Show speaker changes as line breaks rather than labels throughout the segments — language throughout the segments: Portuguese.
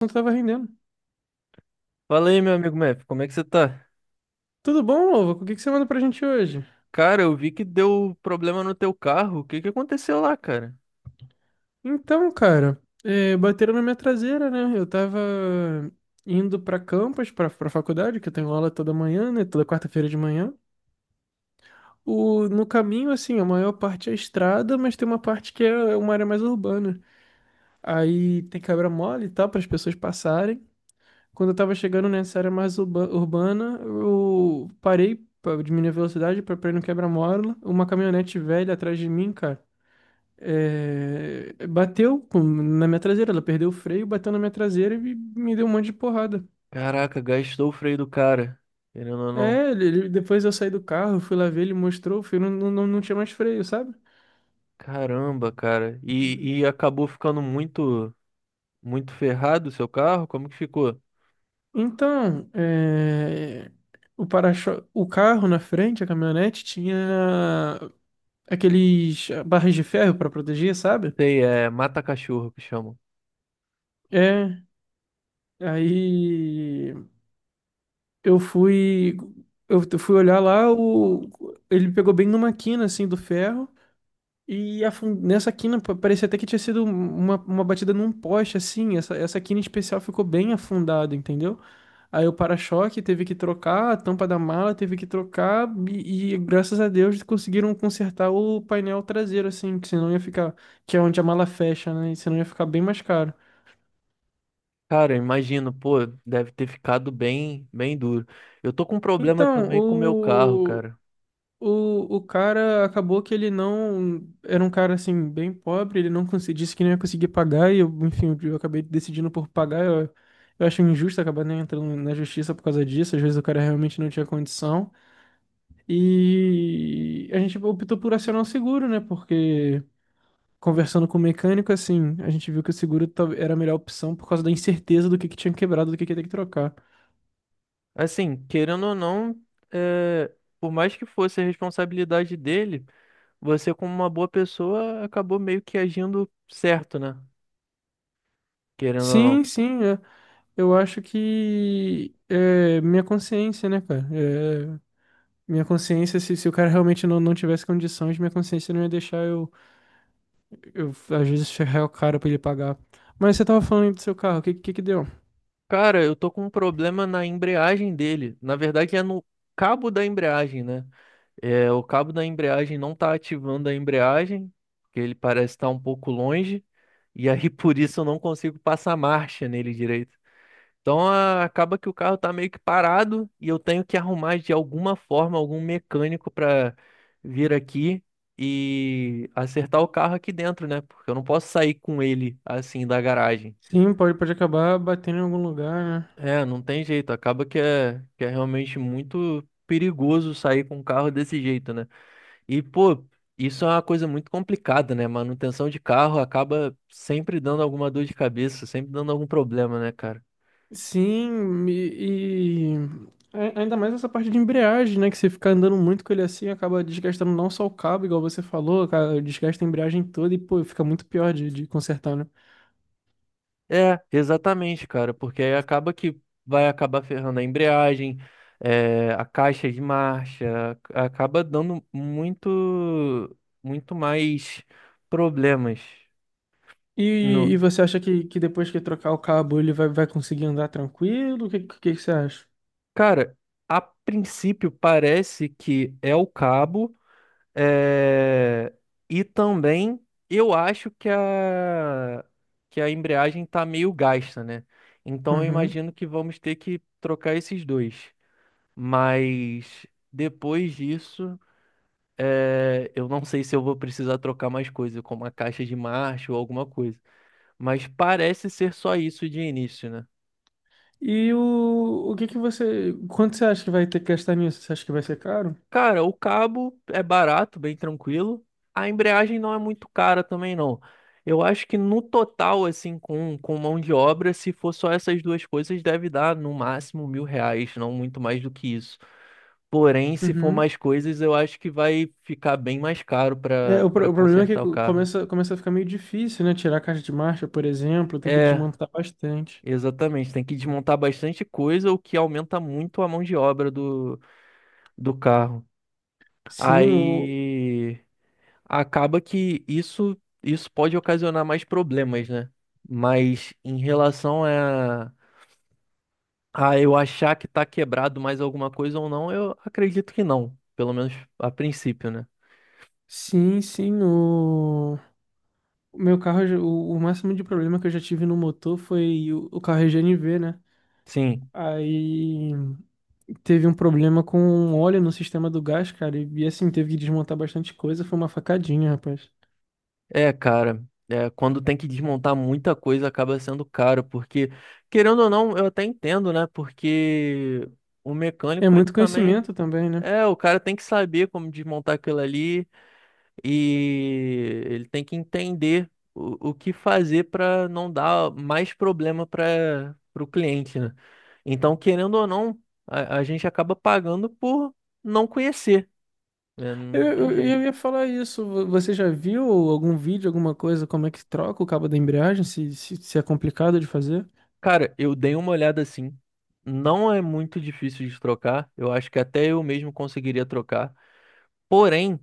Não tava rendendo.
Fala aí, meu amigo Mef, como é que você tá?
Tudo bom, Lovo? O que que você manda pra gente hoje?
Cara, eu vi que deu problema no teu carro. O que que aconteceu lá, cara?
Então, cara, bateram na minha traseira, né? Eu tava indo pra faculdade, que eu tenho aula toda manhã, né? Toda quarta-feira de manhã. O, no caminho, assim, a maior parte é estrada, mas tem uma parte que é uma área mais urbana. Aí tem quebra mole e tal, para as pessoas passarem. Quando eu tava chegando nessa área mais urbana, eu parei pra diminuir a velocidade pra ir no quebra-mola. Uma caminhonete velha atrás de mim, cara. Na minha traseira, ela perdeu o freio, bateu na minha traseira e me deu um monte de porrada.
Caraca, gastou o freio do cara. Querendo ou não.
É, depois eu saí do carro, fui lá ver, ele mostrou, o freio não tinha mais freio, sabe?
Caramba, cara. E acabou ficando muito, muito ferrado o seu carro? Como que ficou?
Então, é, o para-choque, o carro na frente, a caminhonete, tinha aqueles barras de ferro para proteger, sabe?
Sei, é mata-cachorro que chamam.
É, aí eu fui, eu fui olhar lá, o, ele pegou bem numa quina assim do ferro. E parecia até que tinha sido uma batida num poste, assim. Essa quina em especial ficou bem afundada, entendeu? Aí o para-choque teve que trocar, a tampa da mala teve que trocar, e graças a Deus conseguiram consertar o painel traseiro, assim, que senão ia ficar, que é onde a mala fecha, né? E senão ia ficar bem mais caro.
Cara, eu imagino, pô, deve ter ficado bem, bem duro. Eu tô com um problema
Então,
também com o meu carro,
o,
cara.
o cara acabou que ele não. Era um cara assim, bem pobre, ele não consegui, disse que não ia conseguir pagar, e eu, enfim, eu acabei decidindo por pagar. Eu acho injusto acabar nem entrando na justiça por causa disso. Às vezes o cara realmente não tinha condição. E a gente optou por acionar o seguro, né? Porque conversando com o mecânico, assim, a gente viu que o era a melhor opção por causa da incerteza do que tinha quebrado, do que ia ter que trocar.
Assim, querendo ou não, é, por mais que fosse a responsabilidade dele. Você, como uma boa pessoa, acabou meio que agindo certo, né? Querendo ou não.
Sim, sim, é. Eu acho que é minha consciência, né, cara? Minha consciência, se o cara realmente não tivesse condições, minha consciência não ia deixar eu, às vezes, ferrar o cara pra ele pagar. Mas você tava falando aí do seu carro, o que que deu?
Cara, eu tô com um problema na embreagem dele. Na verdade, é no cabo da embreagem, né? É, o cabo da embreagem não tá ativando a embreagem, porque ele parece estar um pouco longe. E aí, por isso, eu não consigo passar marcha nele direito. Então acaba que o carro tá meio que parado e eu tenho que arrumar de alguma forma algum mecânico para vir aqui e acertar o carro aqui dentro, né? Porque eu não posso sair com ele assim da garagem.
Sim, pode, pode acabar batendo em algum lugar, né?
É, não tem jeito. Acaba que é realmente muito perigoso sair com um carro desse jeito, né? E, pô, isso é uma coisa muito complicada, né? Manutenção de carro acaba sempre dando alguma dor de cabeça, sempre dando algum problema, né, cara?
Sim, ainda mais essa parte de embreagem, né? Que você ficar andando muito com ele assim, acaba desgastando não só o cabo, igual você falou, cara, desgasta a embreagem toda e, pô, fica muito pior de consertar, né?
É, exatamente, cara, porque aí acaba que vai acabar ferrando a embreagem, a caixa de marcha, acaba dando muito, muito mais problemas
E,
no.
e você acha que depois que trocar o cabo vai conseguir andar tranquilo? O que você acha?
Cara, a princípio parece que é o cabo, eh, e também eu acho que a embreagem tá meio gasta, né? Então eu
Uhum.
imagino que vamos ter que trocar esses dois. Mas depois disso, é, eu não sei se eu vou precisar trocar mais coisa, como a caixa de marcha ou alguma coisa. Mas parece ser só isso de início, né?
E o que que você. Quanto você acha que vai ter que gastar nisso? Você acha que vai ser caro?
Cara, o cabo é barato, bem tranquilo. A embreagem não é muito cara também, não. Eu acho que no total, assim, com mão de obra, se for só essas duas coisas, deve dar no máximo 1.000 reais, não muito mais do que isso. Porém, se for
Uhum.
mais coisas, eu acho que vai ficar bem mais caro
É,
para para
o problema é que
consertar o carro.
começa a ficar meio difícil, né? Tirar a caixa de marcha, por exemplo, tem que
É,
desmontar bastante.
exatamente. Tem que desmontar bastante coisa, o que aumenta muito a mão de obra do carro.
Sim, o.
Aí, acaba que isso pode ocasionar mais problemas, né? Mas em relação a eu achar que tá quebrado mais alguma coisa ou não, eu acredito que não, pelo menos a princípio, né?
Sim, sim, o. O meu carro, o máximo de problema que eu já tive no motor foi o carro EGNV, né?
Sim,
Aí teve um problema com óleo no sistema do gás, cara, e assim, teve que desmontar bastante coisa, foi uma facadinha, rapaz.
é, cara, é, quando tem que desmontar muita coisa acaba sendo caro, porque querendo ou não, eu até entendo, né? Porque o
É
mecânico ele
muito
também
conhecimento também, né?
é, o cara tem que saber como desmontar aquilo ali e ele tem que entender o que fazer para não dar mais problema para o cliente, né? Então, querendo ou não, a gente acaba pagando por não conhecer, né? Não tem
Eu
jeito.
ia falar isso. Você já viu algum vídeo, alguma coisa, como é que troca o cabo da embreagem? Se é complicado de fazer?
Cara, eu dei uma olhada assim. Não é muito difícil de trocar. Eu acho que até eu mesmo conseguiria trocar. Porém,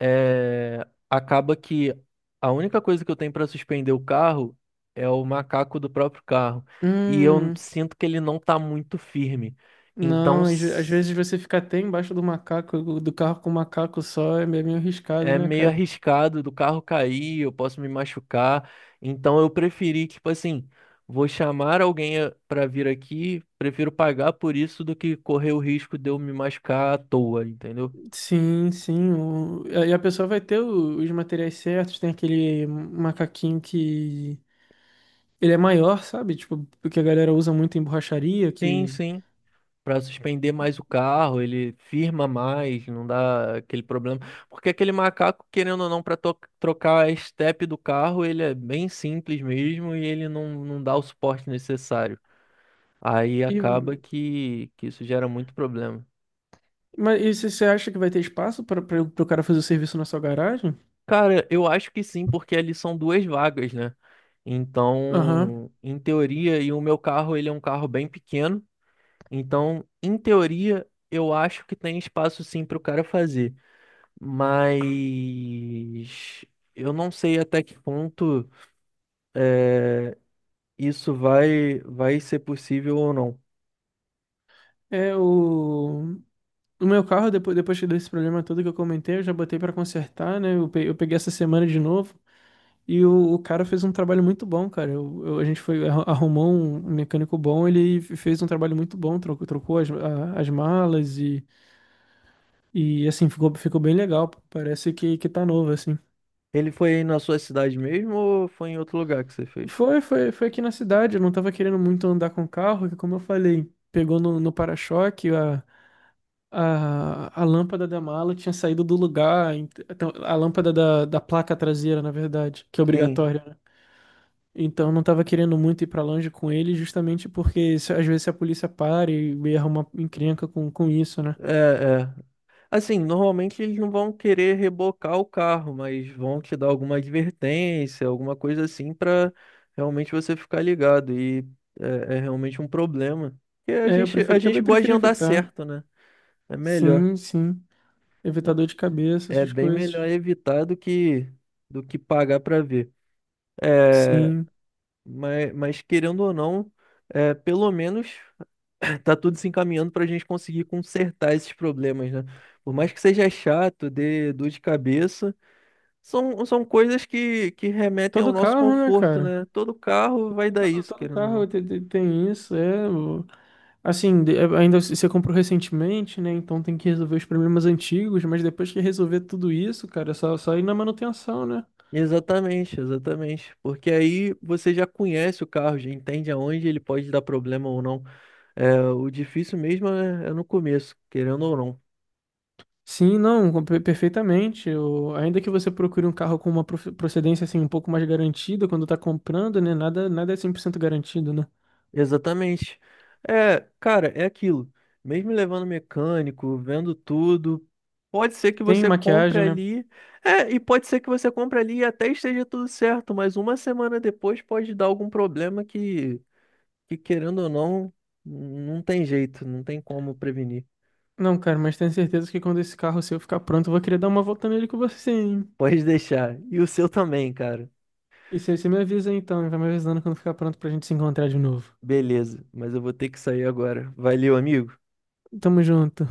é, acaba que a única coisa que eu tenho para suspender o carro é o macaco do próprio carro. E eu
Hum,
sinto que ele não tá muito firme. Então
não. Às vezes você fica até embaixo do macaco, do carro com o macaco só, é meio arriscado,
é
né,
meio
cara?
arriscado do carro cair, eu posso me machucar. Então eu preferi, tipo assim, vou chamar alguém para vir aqui, prefiro pagar por isso do que correr o risco de eu me machucar à toa, entendeu?
Sim, sim. E a pessoa vai ter os materiais certos. Tem aquele macaquinho que ele é maior, sabe? Tipo, porque a galera usa muito em borracharia,
Sim,
que.
sim. Pra suspender mais o carro, ele firma mais, não dá aquele problema. Porque aquele macaco, querendo ou não, para trocar a estepe do carro, ele é bem simples mesmo e ele não, não dá o suporte necessário. Aí
E,
acaba que isso gera muito problema.
mas e você acha que vai ter espaço para o cara fazer o serviço na sua garagem?
Cara, eu acho que sim, porque ali são duas vagas, né?
Aham.
Então, em teoria, e o meu carro, ele é um carro bem pequeno, então, em teoria, eu acho que tem espaço sim para o cara fazer. Mas eu não sei até que ponto é, isso vai ser possível ou não.
É o. O meu carro, depois que deu esse problema todo que eu comentei, eu já botei pra consertar, né? Eu peguei essa semana de novo. E o cara fez um trabalho muito bom, cara. A gente foi, arrumou um mecânico bom, fez um trabalho muito bom, trocou as malas e assim, ficou bem legal. Parece que tá novo, assim.
Ele foi aí na sua cidade mesmo ou foi em outro lugar que você fez?
Foi aqui na cidade, eu não tava querendo muito andar com o carro, que como eu falei, pegou no para-choque. A lâmpada da mala tinha saído do lugar, então, a lâmpada da placa traseira, na verdade, que é
Sim,
obrigatória, né? Então não tava querendo muito ir pra longe com ele, justamente porque às vezes se a polícia para e arruma encrenca com isso, né?
é, é. Assim, normalmente eles não vão querer rebocar o carro, mas vão te dar alguma advertência, alguma coisa assim, pra realmente você ficar ligado. E é, é realmente um problema. Porque
É, eu
a
preferi,
gente
acabei
gosta de
preferi
andar
evitar.
certo, né? É melhor.
Sim, sim. Evitar dor de cabeça,
É
essas
bem melhor
coisas.
evitar do que pagar para ver. É,
Sim.
mas querendo ou não, é, pelo menos tá tudo se encaminhando para a gente conseguir consertar esses problemas, né? Por mais que seja chato, dê dor de cabeça, são, são coisas que remetem ao
Todo
nosso
carro, né,
conforto,
cara?
né? Todo carro vai dar
Todo,
isso,
todo
querendo ou
carro
não.
te- te- tem, isso, é. Assim, é, ainda você comprou recentemente, né? Então tem que resolver os problemas antigos, mas depois que resolver tudo isso, cara, é só ir na manutenção, né?
Exatamente, exatamente. Porque aí você já conhece o carro, já entende aonde ele pode dar problema ou não. É, o difícil mesmo é, é no começo, querendo ou não.
Sim, não, perfeitamente. Ainda que você procure um carro com uma procedência assim um pouco mais garantida quando tá comprando, né? Nada é 100% garantido, né?
Exatamente. É, cara, é aquilo. Mesmo levando mecânico, vendo tudo, pode ser que
Tem
você compre
maquiagem, né?
ali. É, e pode ser que você compre ali e até esteja tudo certo, mas uma semana depois pode dar algum problema que querendo ou não, não tem jeito, não tem como prevenir.
Não, cara, mas tenho certeza que quando esse carro seu ficar pronto, eu vou querer dar uma volta nele com você, hein?
Pode deixar. E o seu também, cara.
E você me avisa então, e vai me avisando quando ficar pronto pra gente se encontrar de novo.
Beleza, mas eu vou ter que sair agora. Valeu, amigo.
Tamo junto.